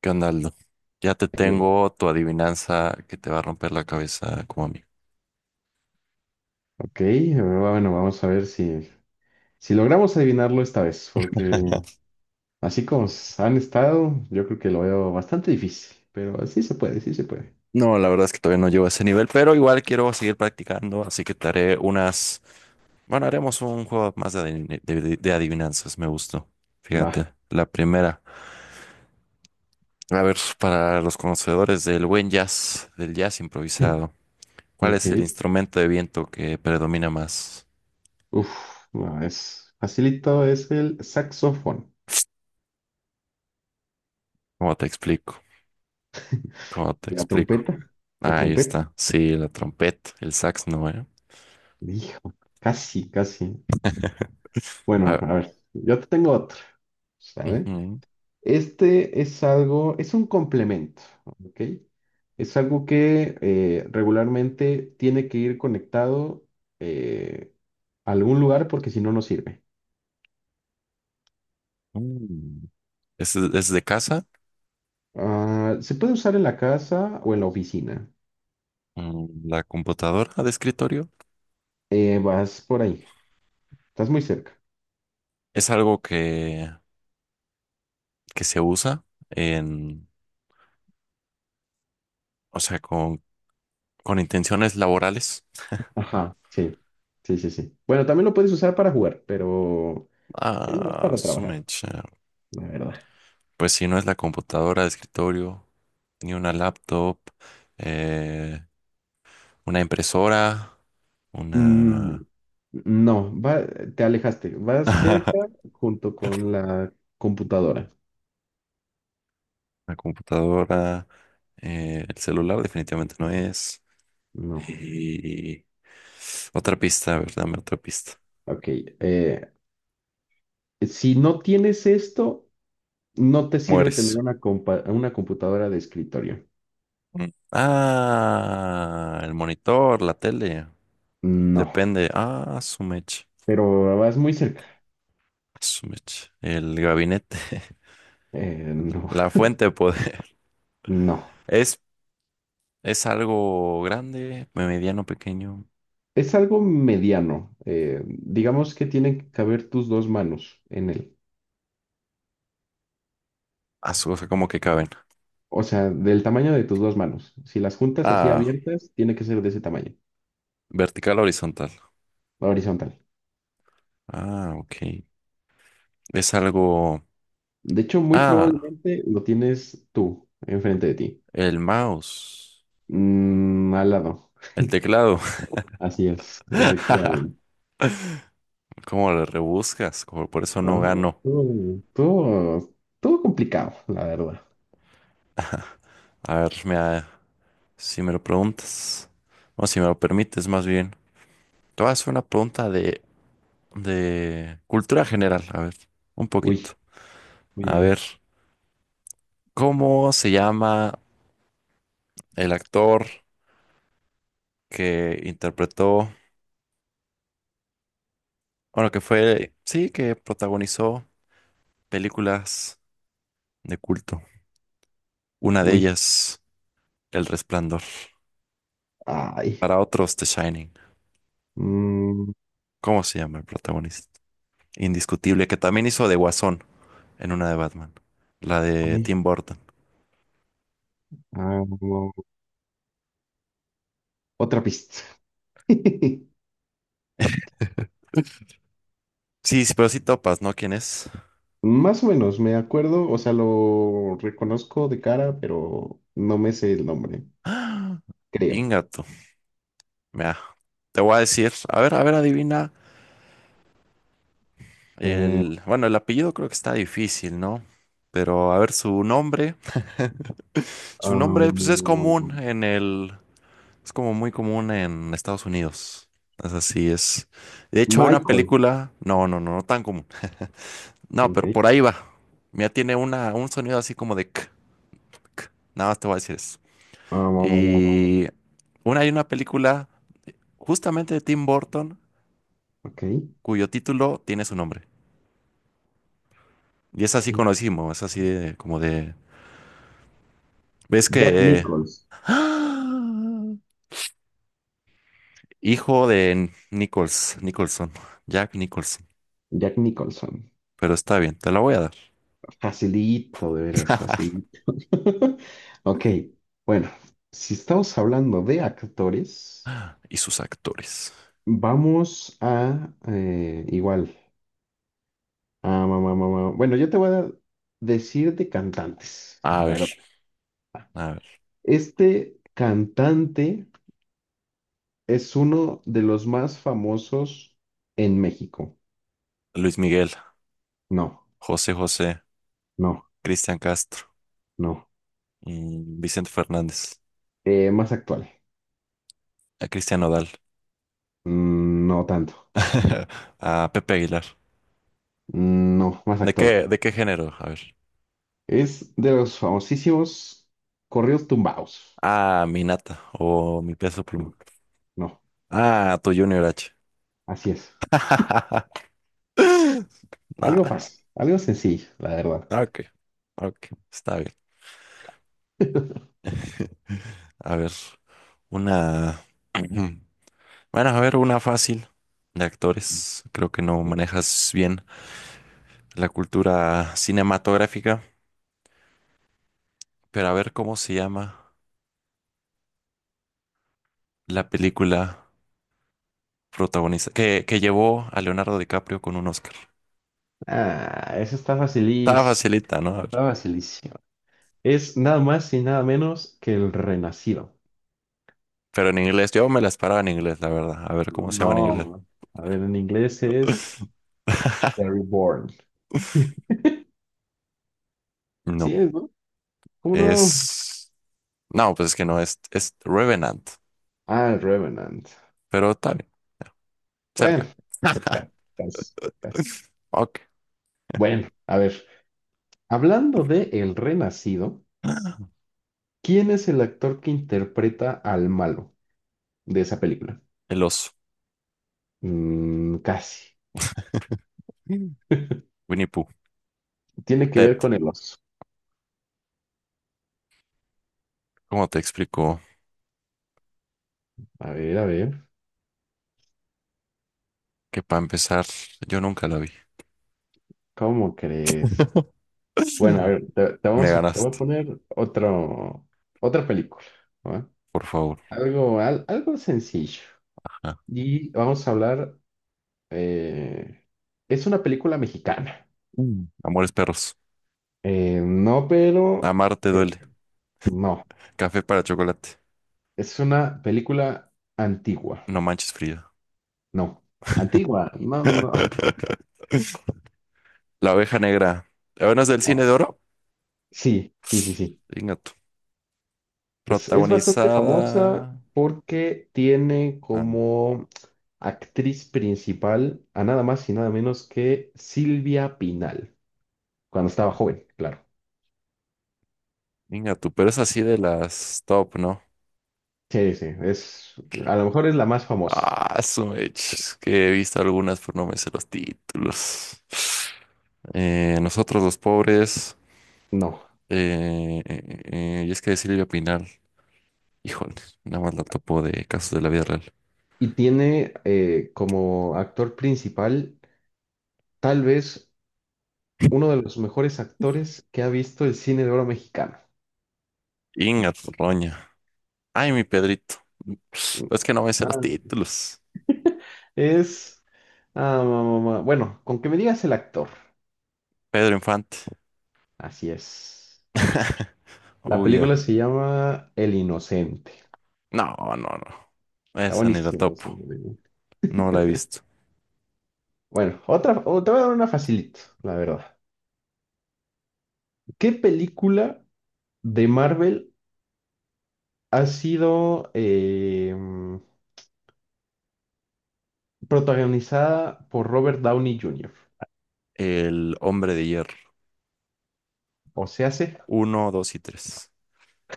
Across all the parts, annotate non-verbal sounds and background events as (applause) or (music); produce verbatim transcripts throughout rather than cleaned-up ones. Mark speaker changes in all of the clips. Speaker 1: ¿Qué onda, Aldo? Ya te
Speaker 2: Eh,
Speaker 1: tengo tu adivinanza que te va a romper la cabeza como a mí.
Speaker 2: ok, eh, bueno, vamos a ver si, si logramos adivinarlo esta vez, porque así como s- han estado, yo creo que lo veo bastante difícil, pero sí se puede, sí se puede.
Speaker 1: No, la verdad es que todavía no llego a ese nivel, pero igual quiero seguir practicando, así que te haré unas... Bueno, haremos un juego más de, adivin- de- de- de adivinanzas, me gustó.
Speaker 2: Va.
Speaker 1: Fíjate, la primera. A ver, para los conocedores del buen jazz, del jazz improvisado,
Speaker 2: (laughs)
Speaker 1: ¿cuál
Speaker 2: Ok.
Speaker 1: es el instrumento de viento que predomina más?
Speaker 2: Uf, no, es facilito, es el saxofón.
Speaker 1: ¿Cómo te explico? ¿Cómo te
Speaker 2: La
Speaker 1: explico?
Speaker 2: trompeta, la
Speaker 1: Ahí
Speaker 2: trompeta.
Speaker 1: está. Sí, la trompeta, el sax no, ¿eh?
Speaker 2: Hijo, casi, casi.
Speaker 1: (laughs)
Speaker 2: Bueno,
Speaker 1: Ah,
Speaker 2: a ver, yo te tengo otra, ¿sale?
Speaker 1: ujú.
Speaker 2: Este es algo, es un complemento, ¿ok? Es algo que eh, regularmente tiene que ir conectado eh, a algún lugar porque si no, no sirve.
Speaker 1: Mm. Es, es de casa,
Speaker 2: Ah, se puede usar en la casa o en la oficina.
Speaker 1: mm, la computadora de escritorio.
Speaker 2: Eh, vas por ahí, estás muy cerca.
Speaker 1: Es algo que, que se usa en, o sea, con, con intenciones laborales.
Speaker 2: Ajá, sí, sí, sí, sí. Bueno, también lo puedes usar para jugar, pero es más
Speaker 1: Ah,
Speaker 2: para
Speaker 1: su
Speaker 2: trabajar,
Speaker 1: mecha.
Speaker 2: la verdad.
Speaker 1: Pues si no es la computadora de escritorio, ni una laptop, eh, una impresora,
Speaker 2: Mm,
Speaker 1: una,
Speaker 2: no, va, te alejaste.
Speaker 1: (laughs)
Speaker 2: Vas
Speaker 1: una
Speaker 2: cerca junto con la computadora.
Speaker 1: computadora, eh, el celular definitivamente no es.
Speaker 2: No.
Speaker 1: Y otra pista, a ver, dame otra pista.
Speaker 2: Ok. Eh, si no tienes esto, no te sirve tener
Speaker 1: Mueres.
Speaker 2: una, compa- una computadora de escritorio.
Speaker 1: Mm. Ah, el monitor, la tele.
Speaker 2: No.
Speaker 1: Depende. Ah, su mecha.
Speaker 2: Pero vas muy cerca.
Speaker 1: Su mecha. El gabinete.
Speaker 2: Eh,
Speaker 1: (laughs)
Speaker 2: no.
Speaker 1: La fuente de poder. (laughs)
Speaker 2: No.
Speaker 1: Es, es algo grande, mediano, pequeño.
Speaker 2: Es algo mediano. Eh, digamos que tienen que caber tus dos manos en él.
Speaker 1: Ah, su- o sea, como que caben.
Speaker 2: O sea, del tamaño de tus dos manos. Si las juntas así
Speaker 1: Ah,
Speaker 2: abiertas, tiene que ser de ese tamaño,
Speaker 1: vertical, horizontal.
Speaker 2: horizontal.
Speaker 1: Ah, ok. Es algo.
Speaker 2: De hecho, muy
Speaker 1: Ah,
Speaker 2: probablemente lo tienes tú, enfrente de ti.
Speaker 1: el mouse.
Speaker 2: Mm, al lado.
Speaker 1: El
Speaker 2: (laughs)
Speaker 1: teclado.
Speaker 2: Así es,
Speaker 1: (laughs)
Speaker 2: efectivamente.
Speaker 1: ¿Cómo le rebuscas? Como por eso
Speaker 2: Ajá,
Speaker 1: no gano.
Speaker 2: estuvo, estuvo- estuvo complicado, la verdad.
Speaker 1: A ver, mira, si me lo preguntas, o si me lo permites más bien, te voy a hacer una pregunta de, de cultura general, a ver, un poquito.
Speaker 2: Uy, uy,
Speaker 1: A ver,
Speaker 2: uy,
Speaker 1: ¿cómo se llama el actor que interpretó, bueno, que fue, sí, que protagonizó películas de culto? Una de
Speaker 2: uy.
Speaker 1: ellas, El Resplandor,
Speaker 2: Ay.
Speaker 1: para otros, The Shining.
Speaker 2: Mm,
Speaker 1: ¿Cómo se llama el protagonista? Indiscutible, que también hizo de Guasón en una de Batman. La de
Speaker 2: ay,
Speaker 1: Tim Burton.
Speaker 2: ah, no. Otra pista. (laughs)
Speaker 1: Sí, sí, pero sí topas, ¿no? ¿Quién es?
Speaker 2: Más o menos, me acuerdo, o sea, lo reconozco de cara, pero no me sé el nombre,
Speaker 1: (gasps) ¡Ah!
Speaker 2: creo.
Speaker 1: Ingato. Mira, te voy a decir. A ver, a ver, adivina.
Speaker 2: Eh,
Speaker 1: El, bueno, el apellido creo que está difícil, ¿no? Pero a ver, su nombre. Su nombre, pues es común
Speaker 2: um,
Speaker 1: en el. Es como muy común en Estados Unidos. Es así, es. De hecho, una
Speaker 2: Michael.
Speaker 1: película. No, no, no, no tan común. No, pero
Speaker 2: Ok.
Speaker 1: por ahí va. Mira, tiene una, un sonido así como de k. Nada más te voy a decir eso.
Speaker 2: Um,
Speaker 1: Y una, hay una película justamente de Tim Burton
Speaker 2: ok.
Speaker 1: cuyo título tiene su nombre. Y es así
Speaker 2: Tim-
Speaker 1: conocimos, es así de- como de... ¿Ves
Speaker 2: Jack
Speaker 1: que... eh,
Speaker 2: Nichols.
Speaker 1: ¡Ah! Hijo de Nichols, Nicholson, Jack Nicholson.
Speaker 2: Jack Nicholson.
Speaker 1: Pero está bien, te la voy a dar.
Speaker 2: Facilito, de veras, facilito. (laughs) Ok, bueno, si estamos hablando de actores,
Speaker 1: (laughs) Y sus actores.
Speaker 2: vamos a eh, igual. Ah, mamá, mamá. Bueno, yo te voy a decir de cantantes,
Speaker 1: A
Speaker 2: la
Speaker 1: ver,
Speaker 2: verdad.
Speaker 1: a ver.
Speaker 2: Este cantante es uno de los más famosos en México.
Speaker 1: Luis Miguel,
Speaker 2: No,
Speaker 1: José José,
Speaker 2: no,
Speaker 1: Cristian Castro,
Speaker 2: no.
Speaker 1: mm, Vicente Fernández,
Speaker 2: Eh, más actual.
Speaker 1: a Cristian Nodal,
Speaker 2: Mm, no tanto.
Speaker 1: (laughs) a Pepe Aguilar.
Speaker 2: Mm, no, más
Speaker 1: ¿De
Speaker 2: actual.
Speaker 1: qué, de qué género? A ver.
Speaker 2: Es de los famosísimos corridos tumbados.
Speaker 1: Ah, mi nata o mi peso pluma.
Speaker 2: No, no,
Speaker 1: Ah, tu Junior H.
Speaker 2: así es.
Speaker 1: (laughs)
Speaker 2: Algo
Speaker 1: Nah,
Speaker 2: fácil, algo sencillo, la verdad.
Speaker 1: ok, ok, está bien.
Speaker 2: (laughs)
Speaker 1: (laughs) A ver, una. (clears throat) Bueno, a ver, una fácil de actores. Creo que no manejas bien la cultura cinematográfica, pero a ver cómo se llama la película protagonista que, que llevó a Leonardo DiCaprio con un Oscar.
Speaker 2: Ah, eso está
Speaker 1: Estaba
Speaker 2: facilísimo,
Speaker 1: facilita, ¿no? A
Speaker 2: está
Speaker 1: ver,
Speaker 2: facilísimo. Es nada más y nada menos que el Renacido.
Speaker 1: pero en inglés, yo me las paraba en inglés, la verdad. A ver cómo se llama en inglés.
Speaker 2: No, a ver, en inglés es The
Speaker 1: (laughs)
Speaker 2: Reborn. Sí,
Speaker 1: No,
Speaker 2: es, ¿no? ¿Cómo no?
Speaker 1: es... No, pues es que no, es, es Revenant,
Speaker 2: Ah, el Revenant.
Speaker 1: pero está bien,
Speaker 2: Bueno,
Speaker 1: cerca.
Speaker 2: ca- cas- cas-
Speaker 1: Ok. (gasps)
Speaker 2: bueno, a ver, hablando de el Renacido.
Speaker 1: Ah,
Speaker 2: ¿Quién es el actor que interpreta al malo de esa película?
Speaker 1: el oso.
Speaker 2: Mm, casi.
Speaker 1: Mm.
Speaker 2: (laughs)
Speaker 1: Winnie Pooh.
Speaker 2: Tiene que ver
Speaker 1: Ted,
Speaker 2: con el oso.
Speaker 1: ¿cómo te explico?
Speaker 2: A ver, a ver,
Speaker 1: Que para empezar, yo nunca la vi.
Speaker 2: ¿cómo crees?
Speaker 1: (laughs)
Speaker 2: Bueno, a ver, te, te
Speaker 1: Me
Speaker 2: vamos a, te voy a
Speaker 1: ganaste,
Speaker 2: poner otro, otra película, ¿va?
Speaker 1: por favor.
Speaker 2: Algo, al- algo sencillo.
Speaker 1: Ajá.
Speaker 2: Y vamos a hablar, eh, es una película mexicana.
Speaker 1: Mm. Amores perros.
Speaker 2: Eh, no, pero
Speaker 1: Amarte
Speaker 2: eh,
Speaker 1: duele.
Speaker 2: no.
Speaker 1: Café para chocolate.
Speaker 2: Es una película antigua.
Speaker 1: No manches Frida.
Speaker 2: No. Antigua, no, no. (laughs)
Speaker 1: (laughs) La oveja negra. ¿La es del cine de
Speaker 2: No.
Speaker 1: oro?
Speaker 2: Sí, sí, sí, sí.
Speaker 1: Venga tú.
Speaker 2: Pues es bastante famosa
Speaker 1: Protagonizada.
Speaker 2: porque tiene
Speaker 1: Ah,
Speaker 2: como actriz principal a nada más y nada menos que Silvia Pinal, cuando estaba joven, claro.
Speaker 1: venga tú, pero es así de las top, ¿no?
Speaker 2: Sí, sí, es, a lo mejor es la más famosa.
Speaker 1: Ah, su mech, es que he visto algunas, pero no me sé los títulos. Eh, nosotros los pobres,
Speaker 2: No.
Speaker 1: eh, eh, eh, y es que de Silvia Pinal, híjole, nada más la topo de casos de la vida real.
Speaker 2: Y tiene eh, como actor principal tal vez uno de los mejores actores que ha visto el cine de oro mexicano.
Speaker 1: Inga tu roña. Ay, mi Pedrito. Pero es que no me sé los
Speaker 2: Ah,
Speaker 1: títulos.
Speaker 2: es... ah, ma- ma- ma- bueno, con que me digas el actor.
Speaker 1: Pedro Infante.
Speaker 2: Así es.
Speaker 1: (laughs)
Speaker 2: La
Speaker 1: Oh, yeah.
Speaker 2: película se llama El Inocente.
Speaker 1: No, no, no.
Speaker 2: Está
Speaker 1: Esa ni la
Speaker 2: buenísima esa
Speaker 1: topo.
Speaker 2: película.
Speaker 1: No la he visto.
Speaker 2: Bueno, otra, o- te voy a dar una facilito, la verdad. ¿Qué película de Marvel ha sido eh, protagonizada por Robert Downey junior?
Speaker 1: El hombre de hierro.
Speaker 2: O se hace
Speaker 1: Uno, dos y tres.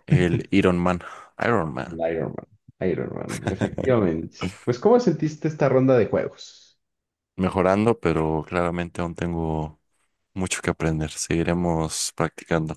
Speaker 1: El Iron Man. Iron Man.
Speaker 2: Iron Man. Iron Man,
Speaker 1: (laughs)
Speaker 2: efectivamente. Pues, ¿cómo sentiste esta ronda de juegos?
Speaker 1: Mejorando, pero claramente aún tengo mucho que aprender. Seguiremos practicando.